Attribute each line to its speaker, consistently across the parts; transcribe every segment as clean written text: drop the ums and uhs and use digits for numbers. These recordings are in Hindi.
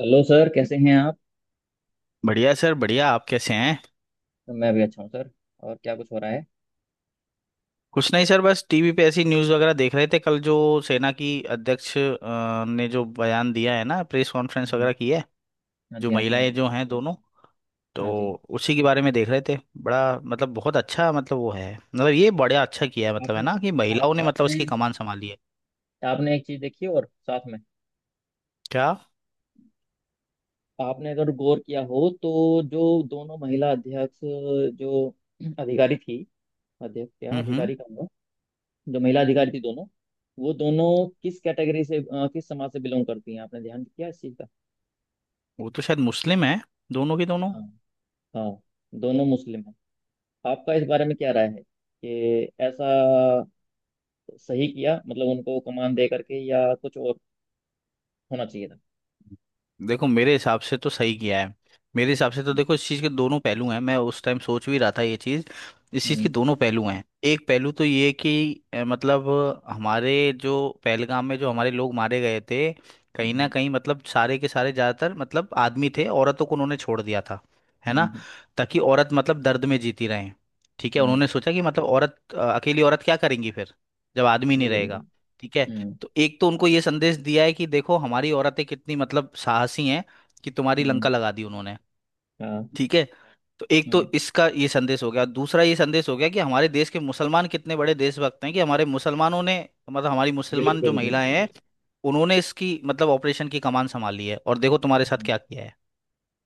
Speaker 1: हेलो सर, कैसे हैं आप?
Speaker 2: बढ़िया सर बढ़िया। आप कैसे हैं?
Speaker 1: मैं भी अच्छा हूँ सर। और क्या कुछ हो रहा है?
Speaker 2: कुछ नहीं सर, बस टीवी पे ऐसी न्यूज़ वगैरह देख रहे थे। कल जो सेना की अध्यक्ष ने जो बयान दिया है ना, प्रेस कॉन्फ्रेंस
Speaker 1: हम्म,
Speaker 2: वगैरह की है।
Speaker 1: हाँ
Speaker 2: जो
Speaker 1: जी हाँ जी हाँ
Speaker 2: महिलाएं
Speaker 1: जी
Speaker 2: जो हैं दोनों, तो
Speaker 1: हाँ जी।
Speaker 2: उसी के बारे में देख रहे थे। बड़ा, बहुत अच्छा, मतलब वो है मतलब ये बड़ा अच्छा किया है, है
Speaker 1: आपने
Speaker 2: ना, कि
Speaker 1: आप
Speaker 2: महिलाओं ने
Speaker 1: आपने
Speaker 2: उसकी कमान संभाली है।
Speaker 1: आपने एक चीज़ देखी और साथ में,
Speaker 2: क्या?
Speaker 1: आपने अगर गौर किया हो तो जो दोनों महिला अध्यक्ष, जो अधिकारी थी, अध्यक्ष क्या
Speaker 2: हम्म।
Speaker 1: अधिकारी कहूँगा, जो महिला अधिकारी थी दोनों, वो दोनों किस कैटेगरी से, किस समाज से बिलोंग करती हैं, आपने ध्यान किया इस चीज़ का?
Speaker 2: वो तो शायद मुस्लिम है, दोनों की दोनों।
Speaker 1: हाँ। हाँ। दोनों मुस्लिम हैं। आपका इस बारे में क्या राय है कि ऐसा सही किया, मतलब उनको कमान दे करके, या कुछ और होना चाहिए था?
Speaker 2: देखो मेरे हिसाब से तो सही किया है। मेरे हिसाब से तो देखो इस चीज़ के दोनों पहलू हैं। मैं उस टाइम सोच भी रहा था ये चीज़। इस चीज़ के
Speaker 1: हम्म।
Speaker 2: दोनों पहलू हैं। एक पहलू तो ये कि अ, मतलब हमारे जो पहलगाम में जो हमारे लोग मारे गए थे, कहीं ना
Speaker 1: हम्म।
Speaker 2: कहीं सारे के सारे ज़्यादातर आदमी थे, औरतों को उन्होंने छोड़ दिया था, है
Speaker 1: हम्म।
Speaker 2: ना।
Speaker 1: हम्म।
Speaker 2: ताकि औरत दर्द में जीती रहें। ठीक है,
Speaker 1: हम्म।
Speaker 2: उन्होंने सोचा कि औरत अकेली औरत क्या करेंगी फिर, जब आदमी नहीं
Speaker 1: बिल्कुल
Speaker 2: रहेगा।
Speaker 1: बिल्कुल।
Speaker 2: ठीक है।
Speaker 1: हम्म।
Speaker 2: तो एक तो उनको ये संदेश दिया है कि देखो हमारी औरतें कितनी साहसी हैं, कि तुम्हारी लंका
Speaker 1: हम्म।
Speaker 2: लगा दी उन्होंने।
Speaker 1: हाँ।
Speaker 2: ठीक है। तो एक तो
Speaker 1: हम्म।
Speaker 2: इसका ये संदेश हो गया, दूसरा ये संदेश हो गया कि हमारे देश के मुसलमान कितने बड़े देशभक्त हैं, कि हमारे मुसलमानों ने, हमारी मुसलमान जो
Speaker 1: बिल्कुल बिल्कुल
Speaker 2: महिलाएं
Speaker 1: बिल्कुल।
Speaker 2: हैं, उन्होंने इसकी ऑपरेशन की कमान संभाली है। और देखो तुम्हारे साथ
Speaker 1: हम्म।
Speaker 2: क्या किया है।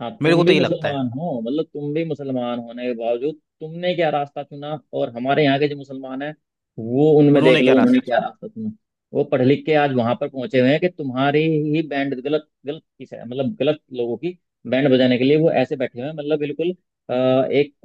Speaker 1: हाँ,
Speaker 2: मेरे को
Speaker 1: तुम भी
Speaker 2: तो ये लगता है,
Speaker 1: मुसलमान हो, मतलब तुम भी मुसलमान होने के बावजूद तुमने क्या रास्ता चुना, और हमारे यहाँ के जो मुसलमान हैं वो, उनमें देख
Speaker 2: उन्होंने
Speaker 1: लो
Speaker 2: क्या
Speaker 1: उन्होंने
Speaker 2: रास्ता
Speaker 1: क्या
Speaker 2: चुना।
Speaker 1: रास्ता चुना। वो पढ़ लिख के आज
Speaker 2: हम्म।
Speaker 1: वहां पर पहुंचे हुए हैं कि तुम्हारी ही बैंड, गलत गलत किस है, मतलब गलत लोगों की बैंड बजाने के लिए वो ऐसे बैठे हुए हैं, मतलब बिल्कुल अ, एक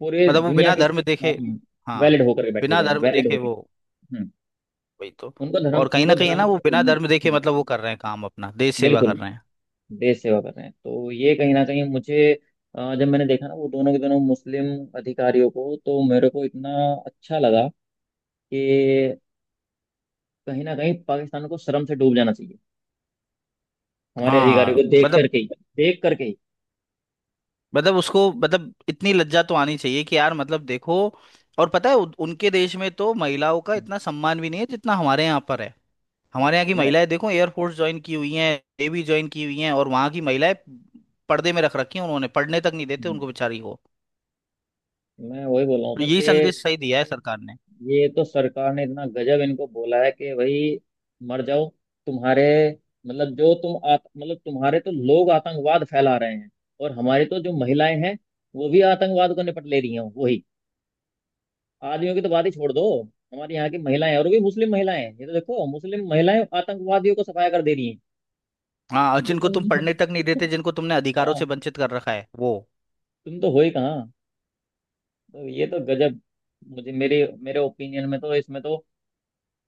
Speaker 1: पूरे
Speaker 2: वो
Speaker 1: दुनिया
Speaker 2: बिना
Speaker 1: के
Speaker 2: धर्म
Speaker 1: साथ
Speaker 2: देखे,
Speaker 1: में
Speaker 2: हाँ,
Speaker 1: वैलिड होकर के बैठे
Speaker 2: बिना
Speaker 1: हुए हैं,
Speaker 2: धर्म
Speaker 1: वैलिड
Speaker 2: देखे
Speaker 1: होके।
Speaker 2: वो,
Speaker 1: हम्म।
Speaker 2: वही तो।
Speaker 1: उनको धर्म
Speaker 2: और कहीं ना
Speaker 1: उनको
Speaker 2: कहीं है
Speaker 1: धर्म
Speaker 2: ना वो
Speaker 1: से कोई
Speaker 2: बिना
Speaker 1: नहीं।
Speaker 2: धर्म देखे
Speaker 1: हम्म।
Speaker 2: वो कर रहे हैं काम, अपना देश सेवा
Speaker 1: बिल्कुल।
Speaker 2: कर रहे हैं।
Speaker 1: देश सेवा कर रहे हैं, तो ये कहीं ना कहीं मुझे, जब मैंने देखा ना वो दोनों के दोनों मुस्लिम अधिकारियों को, तो मेरे को इतना अच्छा लगा कि कहीं ना कहीं पाकिस्तान को शर्म से डूब जाना चाहिए हमारे अधिकारियों को
Speaker 2: हाँ
Speaker 1: देख
Speaker 2: मतलब,
Speaker 1: करके ही, देख करके ही।
Speaker 2: उसको इतनी लज्जा तो आनी चाहिए कि यार देखो। और पता है उनके देश में तो महिलाओं का
Speaker 1: हम्म।
Speaker 2: इतना सम्मान भी नहीं है जितना हमारे यहाँ पर है। हमारे यहाँ की
Speaker 1: मैं
Speaker 2: महिलाएं देखो, एयरफोर्स ज्वाइन की हुई हैं, नेवी ज्वाइन की हुई हैं, और वहाँ की महिलाएं पर्दे में रख रखी हैं उन्होंने, पढ़ने तक नहीं देते
Speaker 1: हम्म।
Speaker 2: उनको बेचारी को।
Speaker 1: मैं वही बोल रहा हूँ
Speaker 2: तो
Speaker 1: सर,
Speaker 2: यही
Speaker 1: कि
Speaker 2: संदेश सही दिया है सरकार ने।
Speaker 1: ये तो सरकार ने इतना गजब इनको बोला है, कि भाई मर जाओ। तुम्हारे, मतलब मतलब तुम्हारे तो लोग आतंकवाद फैला रहे हैं, और हमारी तो जो महिलाएं हैं वो भी आतंकवाद को निपट ले रही हैं। वही, आदमियों की तो बात ही छोड़ दो, हमारे यहाँ की महिलाएं, और वो भी मुस्लिम महिलाएं हैं, ये तो देखो, मुस्लिम महिलाएं आतंकवादियों को सफाया कर दे रही हैं।
Speaker 2: हाँ, और
Speaker 1: तो
Speaker 2: जिनको तुम
Speaker 1: तुम
Speaker 2: पढ़ने तक नहीं देते, जिनको तुमने अधिकारों
Speaker 1: हाँ,
Speaker 2: से वंचित कर रखा है वो।
Speaker 1: तुम तो हो ही कहाँ। तो ये तो गजब, मुझे मेरे मेरे ओपिनियन में तो इसमें तो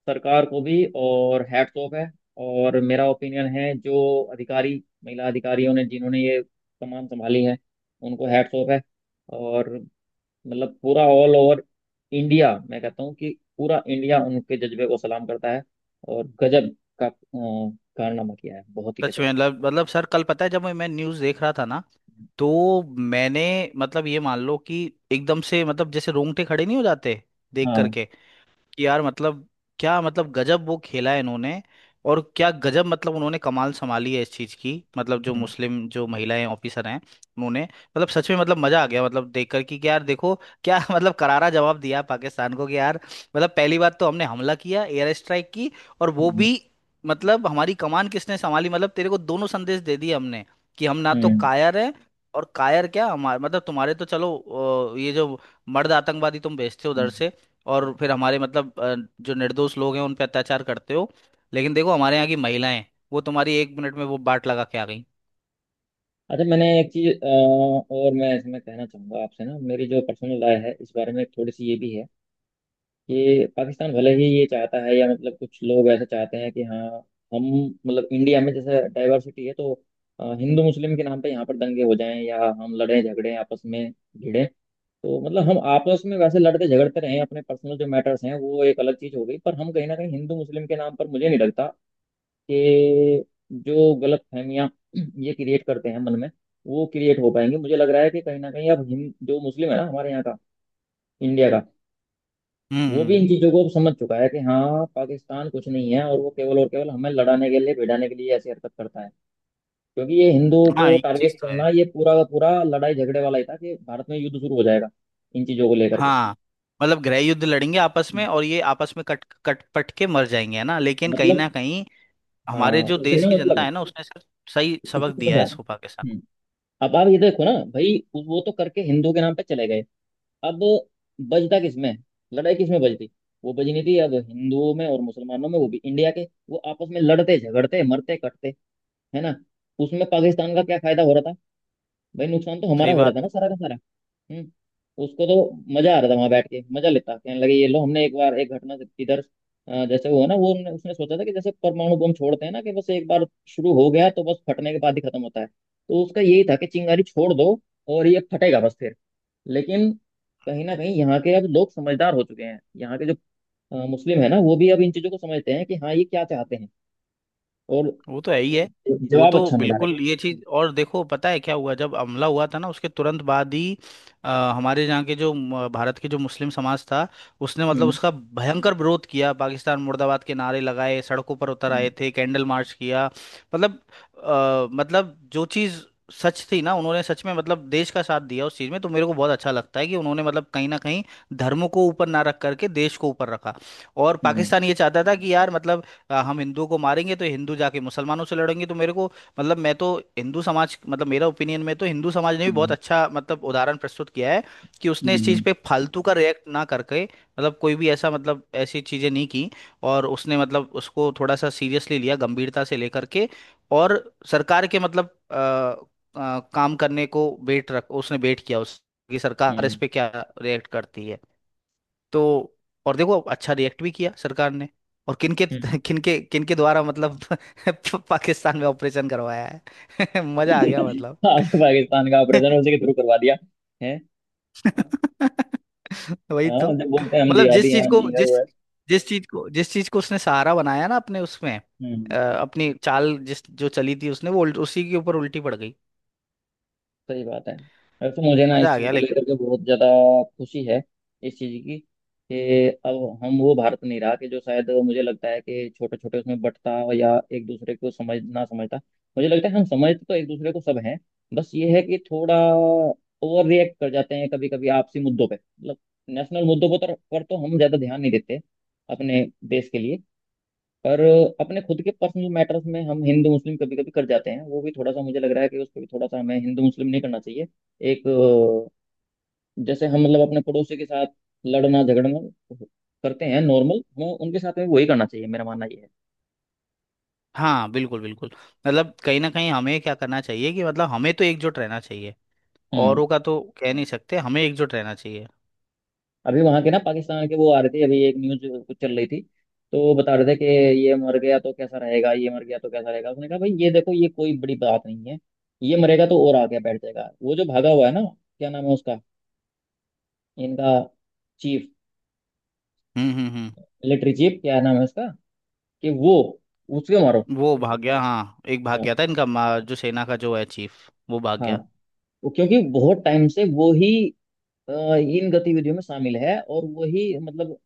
Speaker 1: सरकार को भी और हैट्स ऑफ है, और मेरा ओपिनियन है, जो अधिकारी, महिला अधिकारियों ने जिन्होंने ये कमान संभाली है उनको हैट्स ऑफ है। और मतलब पूरा ऑल ओवर इंडिया, मैं कहता हूँ कि पूरा इंडिया उनके जज्बे को सलाम करता है। और गजब का कारनामा किया है, बहुत ही
Speaker 2: सच
Speaker 1: गजब।
Speaker 2: में सर कल पता है जब मैं न्यूज़ देख रहा था ना, तो मैंने, ये मान लो कि एकदम से जैसे रोंगटे खड़े नहीं हो जाते देख
Speaker 1: हाँ।
Speaker 2: करके, कि यार क्या गजब वो खेला है इन्होंने। और क्या गजब उन्होंने कमाल संभाली है इस चीज की। जो
Speaker 1: हम्म।
Speaker 2: मुस्लिम जो महिलाएं ऑफिसर हैं, उन्होंने सच में मजा आ गया देखकर कि यार देखो क्या करारा जवाब दिया पाकिस्तान को। कि यार, पहली बात तो हमने हमला किया, एयर स्ट्राइक की, और वो
Speaker 1: हम्म।
Speaker 2: भी हमारी कमान किसने संभाली। तेरे को दोनों संदेश दे दिए हमने, कि हम ना तो
Speaker 1: हम्म।
Speaker 2: कायर हैं, और कायर क्या, हमारे तुम्हारे तो चलो ये जो मर्द आतंकवादी तुम भेजते हो उधर
Speaker 1: हम्म।
Speaker 2: से, और फिर हमारे जो निर्दोष लोग हैं उन पे अत्याचार करते हो। लेकिन देखो हमारे यहाँ की महिलाएं वो तुम्हारी एक मिनट में वो बाट लगा के आ गई।
Speaker 1: अच्छा, मैंने एक चीज और मैं इसमें कहना चाहूंगा आपसे ना, मेरी जो पर्सनल राय है इस बारे में, थोड़ी सी ये भी है ये पाकिस्तान, भले ही ये चाहता है, या मतलब कुछ लोग ऐसे चाहते हैं कि हाँ हम, मतलब इंडिया में जैसे डाइवर्सिटी है, तो हिंदू मुस्लिम के नाम पे यहाँ पर दंगे हो जाएं, या हम लड़ें झगड़ें आपस में भिड़ें, तो मतलब हम आपस में वैसे लड़ते झगड़ते रहें, अपने पर्सनल जो मैटर्स हैं वो एक अलग चीज़ हो गई, पर हम कहीं ना कहीं हिंदू मुस्लिम के नाम पर, मुझे नहीं लगता कि जो गलत फहमियाँ ये क्रिएट करते हैं मन में, वो क्रिएट हो पाएंगी। मुझे लग रहा है कि कहीं ना कहीं अब हिंद, जो मुस्लिम है ना हमारे यहाँ का, इंडिया का, वो भी
Speaker 2: हम्म,
Speaker 1: इन चीजों को समझ चुका है कि हाँ पाकिस्तान कुछ नहीं है, और वो केवल और केवल हमें लड़ाने के लिए, भिड़ाने के लिए ऐसी हरकत करता है। क्योंकि ये हिंदुओं
Speaker 2: हाँ
Speaker 1: को
Speaker 2: ये चीज
Speaker 1: टारगेट
Speaker 2: तो है।
Speaker 1: करना, ये पूरा का पूरा लड़ाई झगड़े वाला ही था, कि भारत में युद्ध शुरू हो जाएगा इन चीजों को लेकर के।
Speaker 2: हाँ गृह युद्ध लड़ेंगे आपस
Speaker 1: हम्म,
Speaker 2: में और ये आपस में कट कट पट के मर जाएंगे, है ना। लेकिन कहीं
Speaker 1: मतलब
Speaker 2: ना कहीं
Speaker 1: हाँ,
Speaker 2: हमारे जो
Speaker 1: उसे
Speaker 2: देश
Speaker 1: ना,
Speaker 2: की जनता है ना
Speaker 1: मतलब
Speaker 2: उसने सिर्फ सही
Speaker 1: इसे
Speaker 2: सबक
Speaker 1: समझ
Speaker 2: दिया है
Speaker 1: आ रहा।
Speaker 2: इस पाकिस्तान को।
Speaker 1: हम्म। अब आप ये देखो ना भाई, वो तो करके हिंदुओं के नाम पे चले गए। अब बजता किसमें? लड़ाई किसमें बजती? वो बजनी थी अब हिंदुओं में और मुसलमानों में, वो भी इंडिया के। वो आपस में लड़ते झगड़ते मरते कटते, है ना? उसमें पाकिस्तान का क्या फायदा हो रहा था? भाई नुकसान तो हमारा
Speaker 2: सही
Speaker 1: हो रहा
Speaker 2: बात
Speaker 1: था ना,
Speaker 2: है।
Speaker 1: सारा का सारा। हम्म। उसको तो मजा आ रहा था वहां बैठ के, मजा लेता, कहने लगे ये लो हमने एक बार, इधर जैसे हुआ ना वो, हमने, उसने सोचा था कि जैसे परमाणु बम छोड़ते हैं ना, कि बस एक बार शुरू हो गया तो बस फटने के बाद ही खत्म होता है, तो उसका यही था कि चिंगारी छोड़ दो और ये फटेगा बस, फिर। लेकिन कहीं ना कहीं यहाँ के अब लोग समझदार हो चुके हैं, यहाँ के जो मुस्लिम है ना, वो भी अब इन चीजों को समझते हैं कि हाँ ये क्या चाहते हैं। और
Speaker 2: वो तो है ही है, वो
Speaker 1: जवाब
Speaker 2: तो
Speaker 1: अच्छा मिला है।
Speaker 2: बिल्कुल। ये चीज और देखो पता है क्या हुआ, जब हमला हुआ था ना उसके तुरंत बाद ही अ, हमारे यहाँ के जो भारत के जो मुस्लिम समाज था, उसने
Speaker 1: हम्म।
Speaker 2: उसका भयंकर विरोध किया, पाकिस्तान मुर्दाबाद के नारे लगाए, सड़कों पर उतर
Speaker 1: हम्म।
Speaker 2: आए थे, कैंडल मार्च किया। मतलब जो चीज सच थी ना, उन्होंने सच में देश का साथ दिया उस चीज में। तो मेरे को बहुत अच्छा लगता है कि उन्होंने कहीं ना कहीं धर्म को ऊपर ना रख करके देश को ऊपर रखा। और
Speaker 1: हम्म।
Speaker 2: पाकिस्तान ये चाहता था कि यार हम हिंदुओं को मारेंगे तो हिंदू जाके मुसलमानों से लड़ेंगे। तो मेरे को मतलब मैं तो हिंदू समाज मतलब मेरा ओपिनियन में तो हिंदू समाज ने भी बहुत
Speaker 1: हम्म।
Speaker 2: अच्छा उदाहरण प्रस्तुत किया है, कि
Speaker 1: हम्म।
Speaker 2: उसने इस चीज़
Speaker 1: हम्म।
Speaker 2: पे फालतू का रिएक्ट ना करके मतलब कोई भी ऐसा मतलब ऐसी चीज़ें नहीं की। और उसने उसको थोड़ा सा सीरियसली लिया, गंभीरता से लेकर के, और सरकार के काम करने को वेट रख, उसने वेट किया उस, कि सरकार इस
Speaker 1: हम्म।
Speaker 2: पे क्या रिएक्ट करती है। तो, और देखो अच्छा रिएक्ट भी किया सरकार ने। और किनके
Speaker 1: हम्म।
Speaker 2: किनके किनके द्वारा पाकिस्तान में ऑपरेशन करवाया है। मजा आ गया मतलब।
Speaker 1: आपको पाकिस्तान का ऑपरेशन उसी के थ्रू करवा दिया है।
Speaker 2: वही तो।
Speaker 1: हाँ, जब बोलते हैं हम
Speaker 2: मतलब जिस
Speaker 1: जिहादी हैं,
Speaker 2: चीज
Speaker 1: हम ये
Speaker 2: को
Speaker 1: है वो
Speaker 2: जिस
Speaker 1: है।
Speaker 2: जिस चीज को उसने सहारा बनाया ना अपने, उसमें
Speaker 1: हम्म।
Speaker 2: अपनी चाल जिस जो चली थी उसने, वो उसी के ऊपर उल्टी पड़ गई।
Speaker 1: सही बात है। वैसे तो मुझे ना इस
Speaker 2: मजा आ
Speaker 1: चीज़
Speaker 2: गया
Speaker 1: को
Speaker 2: लेकिन।
Speaker 1: लेकर के बहुत ज़्यादा खुशी है इस चीज़ की, कि अब हम वो भारत नहीं रहा, कि जो शायद मुझे लगता है कि छोटे छोटे उसमें बंटता, या एक दूसरे को समझ ना समझता। मुझे लगता है हम समझते तो एक दूसरे को सब हैं, बस ये है कि थोड़ा ओवर रिएक्ट कर जाते हैं कभी कभी आपसी मुद्दों पे। मतलब नेशनल मुद्दों पर तो हम ज़्यादा ध्यान नहीं देते अपने देश के लिए, पर अपने खुद के पर्सनल मैटर्स में हम हिंदू मुस्लिम कभी कभी कर जाते हैं, वो भी थोड़ा सा मुझे लग रहा है कि उस पर भी थोड़ा सा हमें हिंदू मुस्लिम नहीं करना चाहिए। एक जैसे हम, मतलब अपने पड़ोसी के साथ लड़ना झगड़ना करते हैं नॉर्मल, हमें उनके साथ में वही करना चाहिए, मेरा मानना ये है।
Speaker 2: हाँ बिल्कुल बिल्कुल। कहीं ना कहीं हमें क्या करना चाहिए कि हमें तो एकजुट रहना चाहिए।
Speaker 1: हम्म।
Speaker 2: औरों का तो कह नहीं सकते, हमें एकजुट रहना चाहिए।
Speaker 1: अभी वहां के ना, पाकिस्तान के वो आ रहे थे, अभी एक न्यूज कुछ चल रही थी, तो वो बता रहे थे कि ये मर गया तो कैसा रहेगा, ये मर गया तो कैसा रहेगा, उसने कहा भाई ये देखो ये कोई बड़ी बात नहीं है, ये मरेगा तो और आगे बैठ जाएगा, वो जो भागा हुआ है ना, क्या नाम है उसका, इनका चीफ,
Speaker 2: हम्म।
Speaker 1: मिलिट्री चीफ, क्या नाम है उसका, कि वो, उसके मारो।
Speaker 2: वो भाग गया, हाँ, एक भाग
Speaker 1: हाँ।
Speaker 2: गया था इनका जो सेना का जो है चीफ वो भाग
Speaker 1: हाँ।
Speaker 2: गया।
Speaker 1: वो क्योंकि बहुत टाइम से वो ही अ, इन गतिविधियों में शामिल है, और वही मतलब,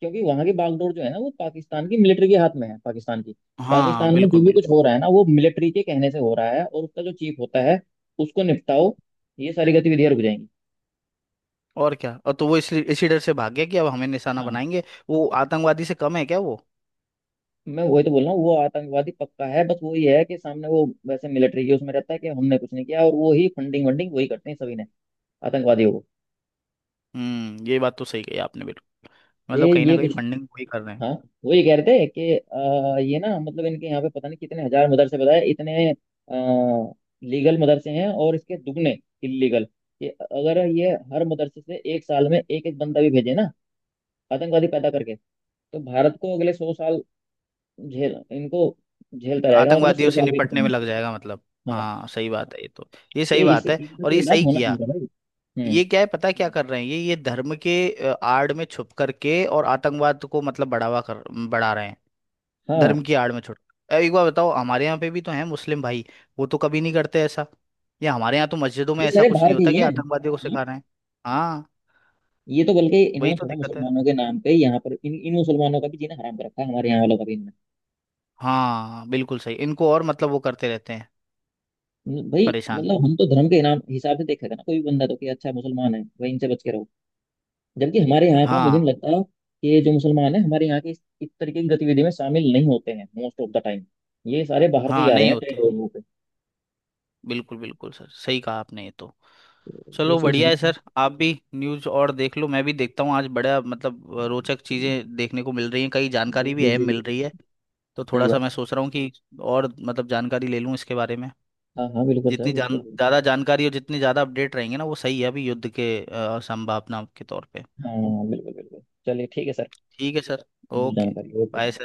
Speaker 1: क्योंकि वहां की बागडोर जो है ना वो पाकिस्तान की मिलिट्री के हाथ में है, पाकिस्तान की।
Speaker 2: हाँ
Speaker 1: पाकिस्तान में जो
Speaker 2: बिल्कुल
Speaker 1: भी कुछ
Speaker 2: बिल्कुल।
Speaker 1: हो रहा है ना वो मिलिट्री के कहने से हो रहा है, और उसका जो चीफ होता है उसको निपटाओ, ये सारी गतिविधियां रुक जाएंगी।
Speaker 2: और क्या, और तो वो इसलिए इसी डर से भाग गया कि अब हमें निशाना
Speaker 1: हाँ,
Speaker 2: बनाएंगे। वो आतंकवादी से कम है क्या वो?
Speaker 1: मैं वही तो बोल रहा हूँ, वो आतंकवादी पक्का है, बस वही है कि सामने वो वैसे मिलिट्री के उसमें रहता है कि हमने कुछ नहीं किया, और वो ही फंडिंग वंडिंग वही करते हैं सभी ने आतंकवादियों को।
Speaker 2: हम्म, ये बात तो सही कही आपने बिल्कुल।
Speaker 1: ये
Speaker 2: कहीं ना
Speaker 1: ये
Speaker 2: कहीं
Speaker 1: कुछ।
Speaker 2: फंडिंग वही कर रहे हैं।
Speaker 1: हाँ, वो ये कह रहे थे कि, ये ना, मतलब इनके यहाँ पे पता नहीं कितने हजार मदरसे बताए, इतने लीगल मदरसे हैं और इसके दुगने इलीगल, कि अगर ये हर मदरसे से एक साल में एक एक बंदा भी भेजे ना, आतंकवादी पैदा करके, तो भारत को अगले 100 साल, झेल इनको, झेलता रहेगा, मतलब सौ
Speaker 2: आतंकवादियों से
Speaker 1: साल भी खत्म
Speaker 2: निपटने में लग
Speaker 1: होगा।
Speaker 2: जाएगा मतलब।
Speaker 1: हाँ।
Speaker 2: हाँ सही बात है ये तो। ये सही
Speaker 1: कि इस
Speaker 2: बात है
Speaker 1: इनका
Speaker 2: और
Speaker 1: तो
Speaker 2: ये
Speaker 1: इलाज
Speaker 2: सही
Speaker 1: होना
Speaker 2: किया।
Speaker 1: चाहिए था भाई। हम्म।
Speaker 2: ये क्या है, पता है क्या कर रहे हैं, ये धर्म के आड़ में छुप करके और आतंकवाद को बढ़ा रहे हैं,
Speaker 1: हाँ,
Speaker 2: धर्म की आड़ में छुट। एक बार बताओ, हमारे यहाँ पे भी तो हैं मुस्लिम भाई, वो तो कभी नहीं करते ऐसा, या हमारे यहाँ तो मस्जिदों
Speaker 1: ये
Speaker 2: में ऐसा
Speaker 1: सारे
Speaker 2: कुछ
Speaker 1: बाहर
Speaker 2: नहीं
Speaker 1: के
Speaker 2: होता
Speaker 1: ही
Speaker 2: कि
Speaker 1: हैं,
Speaker 2: आतंकवादियों को
Speaker 1: हाँ।
Speaker 2: सिखा रहे हैं। हाँ,
Speaker 1: ये तो बल्कि
Speaker 2: वही
Speaker 1: इन्होंने
Speaker 2: तो
Speaker 1: थोड़ा
Speaker 2: दिक्कत है।
Speaker 1: मुसलमानों के नाम पे यहाँ पर इन इन मुसलमानों का भी जीना हराम कर रखा है, हमारे यहाँ वालों का भी।
Speaker 2: हाँ बिल्कुल सही, इनको और वो करते रहते हैं
Speaker 1: मतलब भाई,
Speaker 2: परेशान।
Speaker 1: मतलब हम तो धर्म के इनाम हिसाब से देखेगा ना कोई भी बंदा, तो कि अच्छा मुसलमान है भाई इनसे बच के रहो, जबकि हमारे यहाँ का, मुझे नहीं
Speaker 2: हाँ।
Speaker 1: लगता कि ये जो मुसलमान है हमारे यहाँ के, इस तरीके की गतिविधि में शामिल नहीं होते हैं मोस्ट ऑफ द टाइम। ये सारे बाहर से ही
Speaker 2: हाँ
Speaker 1: आ रहे
Speaker 2: नहीं
Speaker 1: हैं ट्रेन
Speaker 2: होते।
Speaker 1: वगैरह पे,
Speaker 2: बिल्कुल बिल्कुल सर, सही कहा आपने ये तो।
Speaker 1: तो ये
Speaker 2: चलो
Speaker 1: चीज है
Speaker 2: बढ़िया है
Speaker 1: इसमें।
Speaker 2: सर, आप भी न्यूज़ और देख लो, मैं भी देखता हूँ। आज बड़ा रोचक
Speaker 1: चलिए,
Speaker 2: चीज़ें देखने को मिल रही हैं, कई
Speaker 1: जी
Speaker 2: जानकारी भी
Speaker 1: जी
Speaker 2: अहम
Speaker 1: जी
Speaker 2: मिल
Speaker 1: बिल्कुल।
Speaker 2: रही है। तो
Speaker 1: सही
Speaker 2: थोड़ा सा
Speaker 1: बात
Speaker 2: मैं
Speaker 1: है।
Speaker 2: सोच रहा हूँ कि और जानकारी ले लूँ इसके बारे में।
Speaker 1: हाँ हाँ बिल्कुल सर
Speaker 2: जितनी जान
Speaker 1: बिल्कुल।
Speaker 2: ज़्यादा जानकारी और जितनी ज़्यादा अपडेट रहेंगे ना, वो सही है, अभी युद्ध के संभावना के तौर पे।
Speaker 1: हाँ बिल्कुल बिल्कुल, चलिए ठीक है सर।
Speaker 2: ठीक है सर,
Speaker 1: बिल्कुल,
Speaker 2: ओके,
Speaker 1: जानकारी, ओके
Speaker 2: बाय
Speaker 1: सर।
Speaker 2: सर।